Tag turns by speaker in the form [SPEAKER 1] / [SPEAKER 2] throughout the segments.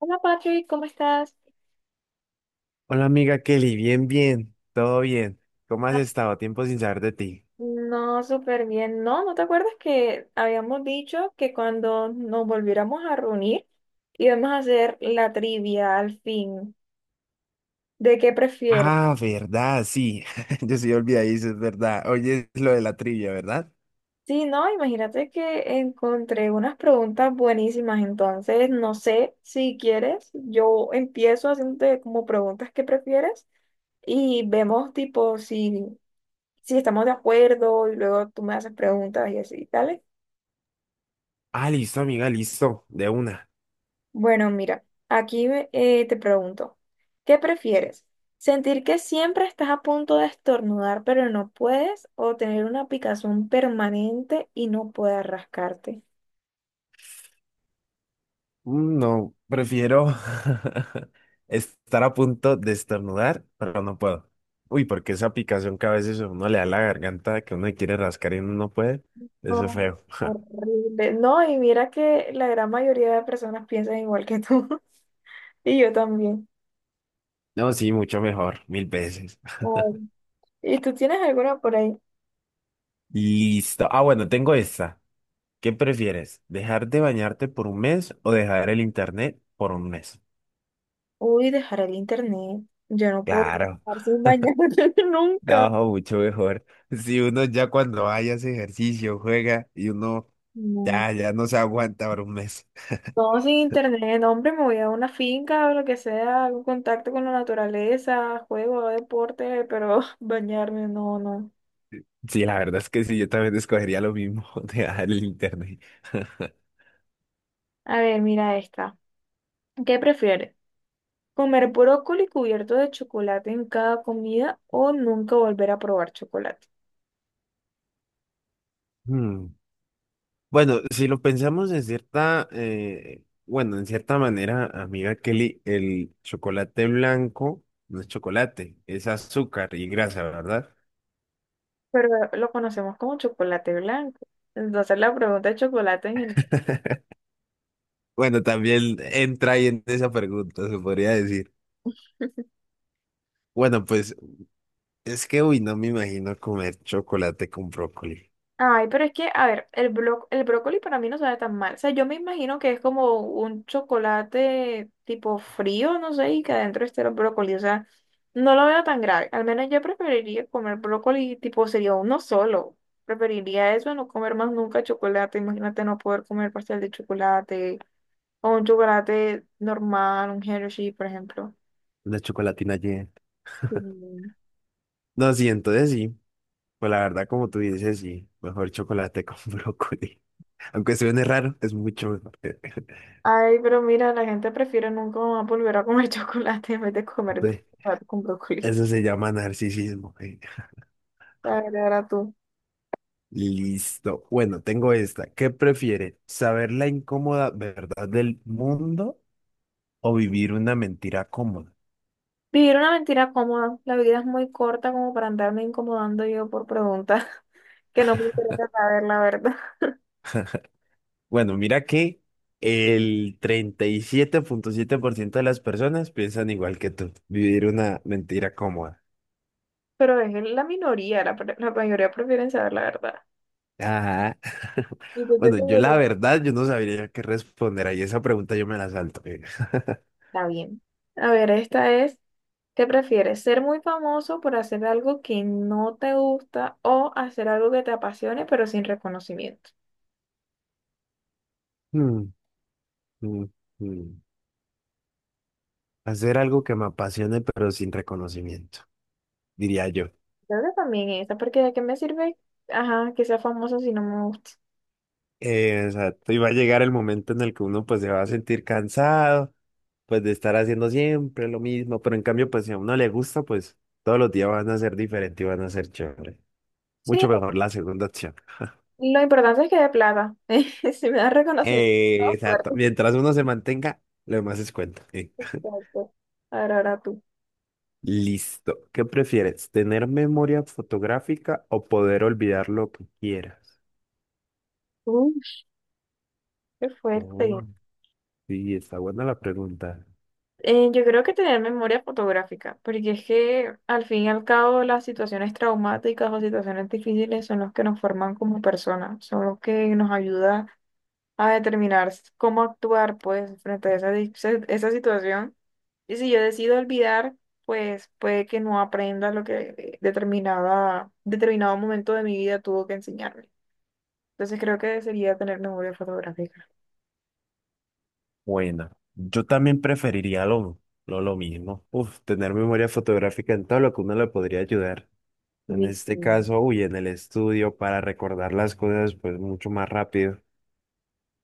[SPEAKER 1] Hola Patrick, ¿cómo estás?
[SPEAKER 2] Hola amiga Kelly, bien, bien, todo bien. ¿Cómo has
[SPEAKER 1] Ay,
[SPEAKER 2] estado? Tiempo sin saber de ti.
[SPEAKER 1] no, súper bien. No, ¿no te acuerdas que habíamos dicho que cuando nos volviéramos a reunir íbamos a hacer la trivia al fin? ¿De qué prefieres?
[SPEAKER 2] Ah, verdad, sí. Yo sí olvidadizo, es verdad. Oye, es lo de la trivia, ¿verdad?
[SPEAKER 1] Sí, no, imagínate que encontré unas preguntas buenísimas, entonces no sé si quieres, yo empiezo haciéndote como preguntas que prefieres y vemos tipo si, si estamos de acuerdo y luego tú me haces preguntas y así, tal.
[SPEAKER 2] Ah, listo, amiga, listo, de una.
[SPEAKER 1] Bueno, mira, aquí te pregunto, ¿qué prefieres? ¿Sentir que siempre estás a punto de estornudar pero no puedes o tener una picazón permanente y no puedes rascarte?
[SPEAKER 2] Mm, no, prefiero estar a punto de estornudar, pero no puedo. Uy, porque esa picazón que a veces a uno le da la garganta, que uno le quiere rascar y uno no puede, eso es
[SPEAKER 1] Oh,
[SPEAKER 2] feo.
[SPEAKER 1] horrible. No, y mira que la gran mayoría de personas piensan igual que tú y yo también.
[SPEAKER 2] No, sí, mucho mejor, mil veces.
[SPEAKER 1] Ay. ¿Y tú tienes alguna por ahí?
[SPEAKER 2] Listo. Ah, bueno, tengo esta. ¿Qué prefieres? ¿Dejar de bañarte por un mes o dejar el internet por un mes?
[SPEAKER 1] Uy, dejar el internet. Yo no puedo
[SPEAKER 2] Claro,
[SPEAKER 1] estar sin bañarme
[SPEAKER 2] no,
[SPEAKER 1] nunca.
[SPEAKER 2] mucho mejor. Si uno ya cuando vaya hace ejercicio, juega y uno
[SPEAKER 1] No.
[SPEAKER 2] ya, ya no se aguanta por un mes.
[SPEAKER 1] No, sin internet, no, hombre, me voy a una finca o lo que sea, algún contacto con la naturaleza, juego, hago deporte, pero bañarme, no, no.
[SPEAKER 2] Sí, la verdad es que sí, yo también escogería lo mismo, dejar el internet.
[SPEAKER 1] A ver, mira esta. ¿Qué prefieres? ¿Comer brócoli cubierto de chocolate en cada comida o nunca volver a probar chocolate?
[SPEAKER 2] Hmm. Bueno, si lo pensamos en cierta, bueno, en cierta manera, amiga Kelly, el chocolate blanco no es chocolate, es azúcar y grasa, ¿verdad?
[SPEAKER 1] Pero lo conocemos como chocolate blanco. Entonces la pregunta es chocolate en general.
[SPEAKER 2] Bueno, también entra ahí en esa pregunta, se podría decir. Bueno, pues es que, uy, no me imagino comer chocolate con brócoli.
[SPEAKER 1] Ay, pero es que, a ver, el brócoli para mí no sabe tan mal. O sea, yo me imagino que es como un chocolate tipo frío, no sé, y que adentro esté el brócoli. O sea, no lo veo tan grave. Al menos yo preferiría comer brócoli tipo sería uno solo. Preferiría eso, no comer más nunca chocolate. Imagínate no poder comer pastel de chocolate o un chocolate normal, un Hershey, por ejemplo.
[SPEAKER 2] Una chocolatina llena.
[SPEAKER 1] Sí.
[SPEAKER 2] No, sí, entonces sí. Pues la verdad, como tú dices, sí. Mejor chocolate con brócoli. Aunque suene raro, es mucho mejor.
[SPEAKER 1] Ay, pero mira, la gente prefiere nunca más volver a comer chocolate en vez de comer
[SPEAKER 2] Ve,
[SPEAKER 1] chocolate con brócoli.
[SPEAKER 2] eso se llama narcisismo.
[SPEAKER 1] La verdad, ahora tú.
[SPEAKER 2] Listo. Bueno, tengo esta. ¿Qué prefiere? ¿Saber la incómoda verdad del mundo o vivir una mentira cómoda?
[SPEAKER 1] Vivir una mentira cómoda. La vida es muy corta como para andarme incomodando yo por preguntas que no me interesa saber la verdad.
[SPEAKER 2] Bueno, mira que el treinta y siete punto siete por ciento de las personas piensan igual que tú, vivir una mentira cómoda.
[SPEAKER 1] Pero es la minoría, la mayoría prefieren saber la verdad.
[SPEAKER 2] Ajá.
[SPEAKER 1] ¿Y tú qué
[SPEAKER 2] Bueno, yo la
[SPEAKER 1] prefieres?
[SPEAKER 2] verdad, yo no sabría qué responder ahí. Esa pregunta yo me la salto.
[SPEAKER 1] Está bien. A ver, esta es, ¿qué prefieres? ¿Ser muy famoso por hacer algo que no te gusta o hacer algo que te apasione pero sin reconocimiento?
[SPEAKER 2] Mm, mm, mm. Hacer algo que me apasione pero sin reconocimiento, diría yo.
[SPEAKER 1] Creo que también esta, porque ¿de qué me sirve? Ajá, que sea famoso si no me gusta.
[SPEAKER 2] O sea, te iba a llegar el momento en el que uno pues se va a sentir cansado, pues de estar haciendo siempre lo mismo, pero en cambio, pues si a uno le gusta, pues todos los días van a ser diferentes y van a ser chévere.
[SPEAKER 1] Sí,
[SPEAKER 2] Mucho mejor la segunda opción.
[SPEAKER 1] lo importante es que de plata. Si me da reconocimiento,
[SPEAKER 2] Eh,
[SPEAKER 1] todo
[SPEAKER 2] exacto.
[SPEAKER 1] fuerte.
[SPEAKER 2] Mientras uno se mantenga, lo demás es cuenta.
[SPEAKER 1] Exacto. Ahora, ahora tú.
[SPEAKER 2] Listo. ¿Qué prefieres? ¿Tener memoria fotográfica o poder olvidar lo que quieras?
[SPEAKER 1] Uy, qué fuerte.
[SPEAKER 2] Oh, sí, está buena la pregunta.
[SPEAKER 1] Yo creo que tener memoria fotográfica, porque es que al fin y al cabo las situaciones traumáticas o situaciones difíciles son los que nos forman como personas, son los que nos ayuda a determinar cómo actuar, pues, frente a esa situación. Y si yo decido olvidar, pues puede que no aprenda lo que determinado momento de mi vida tuvo que enseñarme. Entonces creo que sería tener memoria fotográfica.
[SPEAKER 2] Buena. Yo también preferiría lo mismo. Uf, tener memoria fotográfica en todo lo que uno le podría ayudar. En
[SPEAKER 1] Uy, sí.
[SPEAKER 2] este caso, uy, en el estudio para recordar las cosas, pues mucho más rápido.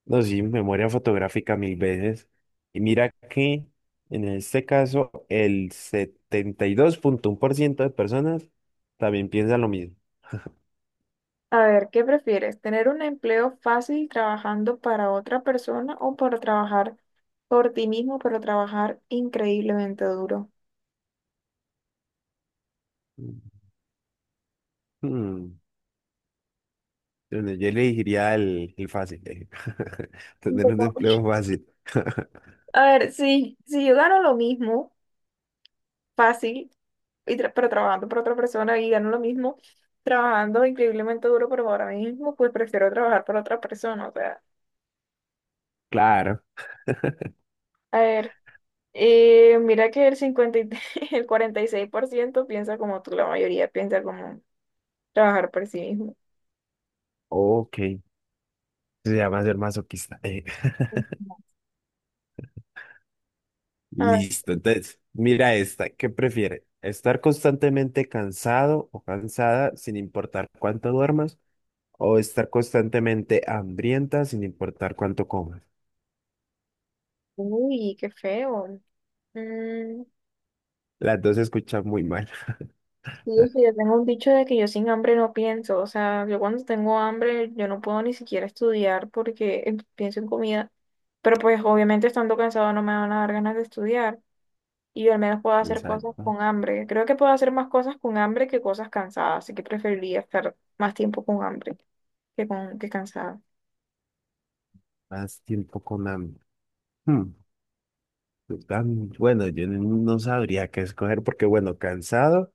[SPEAKER 2] No, sí, memoria fotográfica mil veces. Y mira que en este caso, el 72,1% de personas también piensa lo mismo.
[SPEAKER 1] A ver, ¿qué prefieres? ¿Tener un empleo fácil trabajando para otra persona o para trabajar por ti mismo, pero trabajar increíblemente duro?
[SPEAKER 2] Hmm, entonces yo elegiría el fácil,
[SPEAKER 1] Un
[SPEAKER 2] tener un
[SPEAKER 1] poco.
[SPEAKER 2] empleo fácil.
[SPEAKER 1] A ver, sí, si yo gano lo mismo, fácil. Pero trabajando para otra persona y gano lo mismo, trabajando increíblemente duro, pero ahora mismo pues prefiero trabajar para otra persona. O sea,
[SPEAKER 2] Claro,
[SPEAKER 1] a ver, mira que el 50 y- tres el 46% piensa como tú, la mayoría piensa como trabajar por sí mismo.
[SPEAKER 2] ok, se llama ser masoquista.
[SPEAKER 1] A ver,
[SPEAKER 2] Listo, entonces, mira esta, ¿qué prefiere? ¿Estar constantemente cansado o cansada sin importar cuánto duermas? ¿O estar constantemente hambrienta sin importar cuánto comas?
[SPEAKER 1] uy, qué feo. Mm,
[SPEAKER 2] Las dos se escuchan muy mal.
[SPEAKER 1] sí, es que yo tengo un dicho de que yo sin hambre no pienso, o sea, yo cuando tengo hambre yo no puedo ni siquiera estudiar porque pienso en comida, pero pues obviamente estando cansado no me van a dar ganas de estudiar. Y yo al menos puedo hacer
[SPEAKER 2] Pensar
[SPEAKER 1] cosas con hambre. Creo que puedo hacer más cosas con hambre que cosas cansadas, así que preferiría estar más tiempo con hambre que con que cansada.
[SPEAKER 2] más tiempo con hambre. Hmm, pues, bueno, yo no no sabría qué escoger porque, bueno, cansado,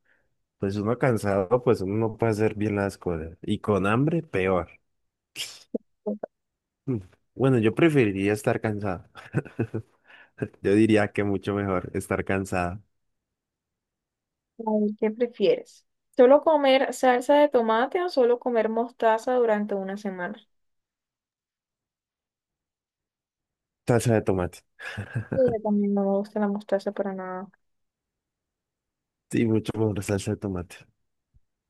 [SPEAKER 2] pues uno cansado, pues uno no puede hacer bien las cosas. Y con hambre, peor. Hmm, Bueno, yo preferiría estar cansado. Yo diría que mucho mejor estar cansada.
[SPEAKER 1] A ver, ¿qué prefieres? ¿Solo comer salsa de tomate o solo comer mostaza durante una semana?
[SPEAKER 2] Salsa de tomate.
[SPEAKER 1] Sí, yo también no me gusta la mostaza para nada.
[SPEAKER 2] Sí, mucho mejor salsa de tomate.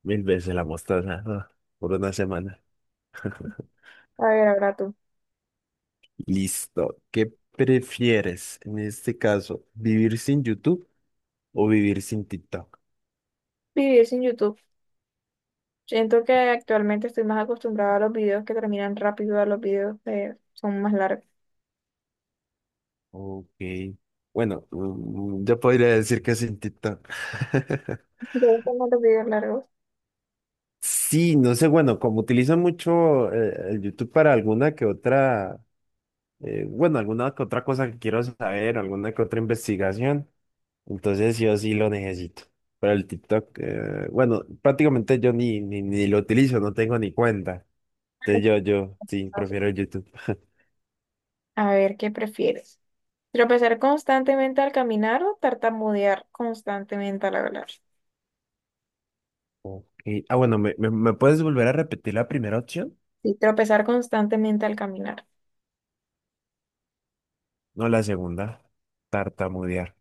[SPEAKER 2] Mil veces la mostaza, ah, por una semana.
[SPEAKER 1] A ver, ahora tú.
[SPEAKER 2] Listo. ¿Qué prefieres en este caso? ¿Vivir sin YouTube o vivir sin TikTok?
[SPEAKER 1] Vivir sin YouTube. Siento que actualmente estoy más acostumbrada a los videos que terminan rápido, a los videos que son más largos.
[SPEAKER 2] Ok. Bueno, yo podría decir que sin TikTok.
[SPEAKER 1] ¿Te gustan más los videos largos?
[SPEAKER 2] Sí, no sé, bueno, como utilizan mucho el YouTube para alguna que otra bueno, alguna que otra cosa que quiero saber, alguna que otra investigación. Entonces yo sí lo necesito. Pero el TikTok, bueno, prácticamente yo ni lo utilizo, no tengo ni cuenta. Entonces yo sí,
[SPEAKER 1] Ah,
[SPEAKER 2] prefiero el YouTube.
[SPEAKER 1] a ver, ¿qué prefieres? ¿Tropezar constantemente al caminar o tartamudear constantemente al hablar?
[SPEAKER 2] Ok. Ah, bueno, ¿me puedes volver a repetir la primera opción?
[SPEAKER 1] Sí, tropezar constantemente al caminar.
[SPEAKER 2] No, la segunda. Tartamudear.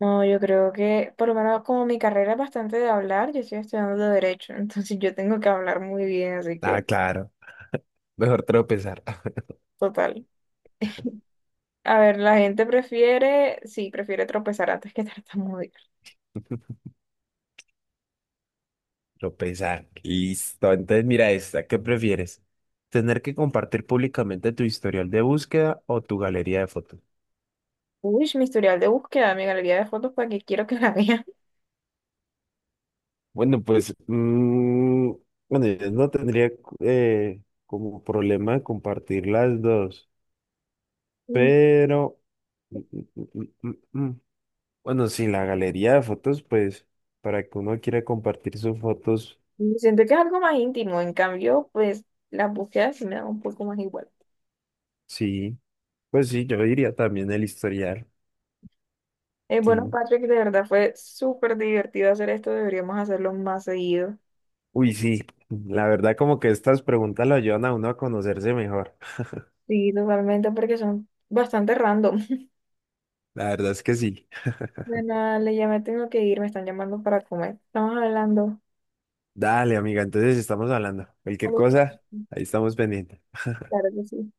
[SPEAKER 1] No, yo creo que, por lo menos como mi carrera es bastante de hablar, yo estoy estudiando de derecho, entonces yo tengo que hablar muy bien, así
[SPEAKER 2] Ah,
[SPEAKER 1] que
[SPEAKER 2] claro. Mejor tropezar.
[SPEAKER 1] total. A ver, la gente prefiere, sí, prefiere tropezar antes que tartamudear.
[SPEAKER 2] Tropezar. Listo. Entonces mira esta. ¿Qué prefieres? ¿Tener que compartir públicamente tu historial de búsqueda o tu galería de fotos?
[SPEAKER 1] Uy, mi historial de búsqueda, mi galería de fotos, ¿para que quiero que la vean?
[SPEAKER 2] Bueno, pues, bueno, yo no tendría como problema compartir las dos, pero, mm, mm, mm, mm, mm. bueno, sí, la galería de fotos, pues, para que uno quiera compartir sus fotos,
[SPEAKER 1] Mm, siento que es algo más íntimo, en cambio, pues las búsquedas sí me dan un poco más igual.
[SPEAKER 2] sí, pues sí, yo diría también el historial,
[SPEAKER 1] Bueno,
[SPEAKER 2] sí.
[SPEAKER 1] Patrick, de verdad fue súper divertido hacer esto. Deberíamos hacerlo más seguido.
[SPEAKER 2] Uy, sí, la verdad como que estas preguntas lo ayudan a uno a conocerse mejor,
[SPEAKER 1] Sí, totalmente, porque son bastante random.
[SPEAKER 2] la verdad es que sí.
[SPEAKER 1] Bueno, le ya me tengo que ir, me están llamando para comer. Estamos hablando.
[SPEAKER 2] Dale, amiga, entonces estamos hablando, cualquier
[SPEAKER 1] Como tú.
[SPEAKER 2] cosa, ahí estamos pendientes.
[SPEAKER 1] Claro que sí.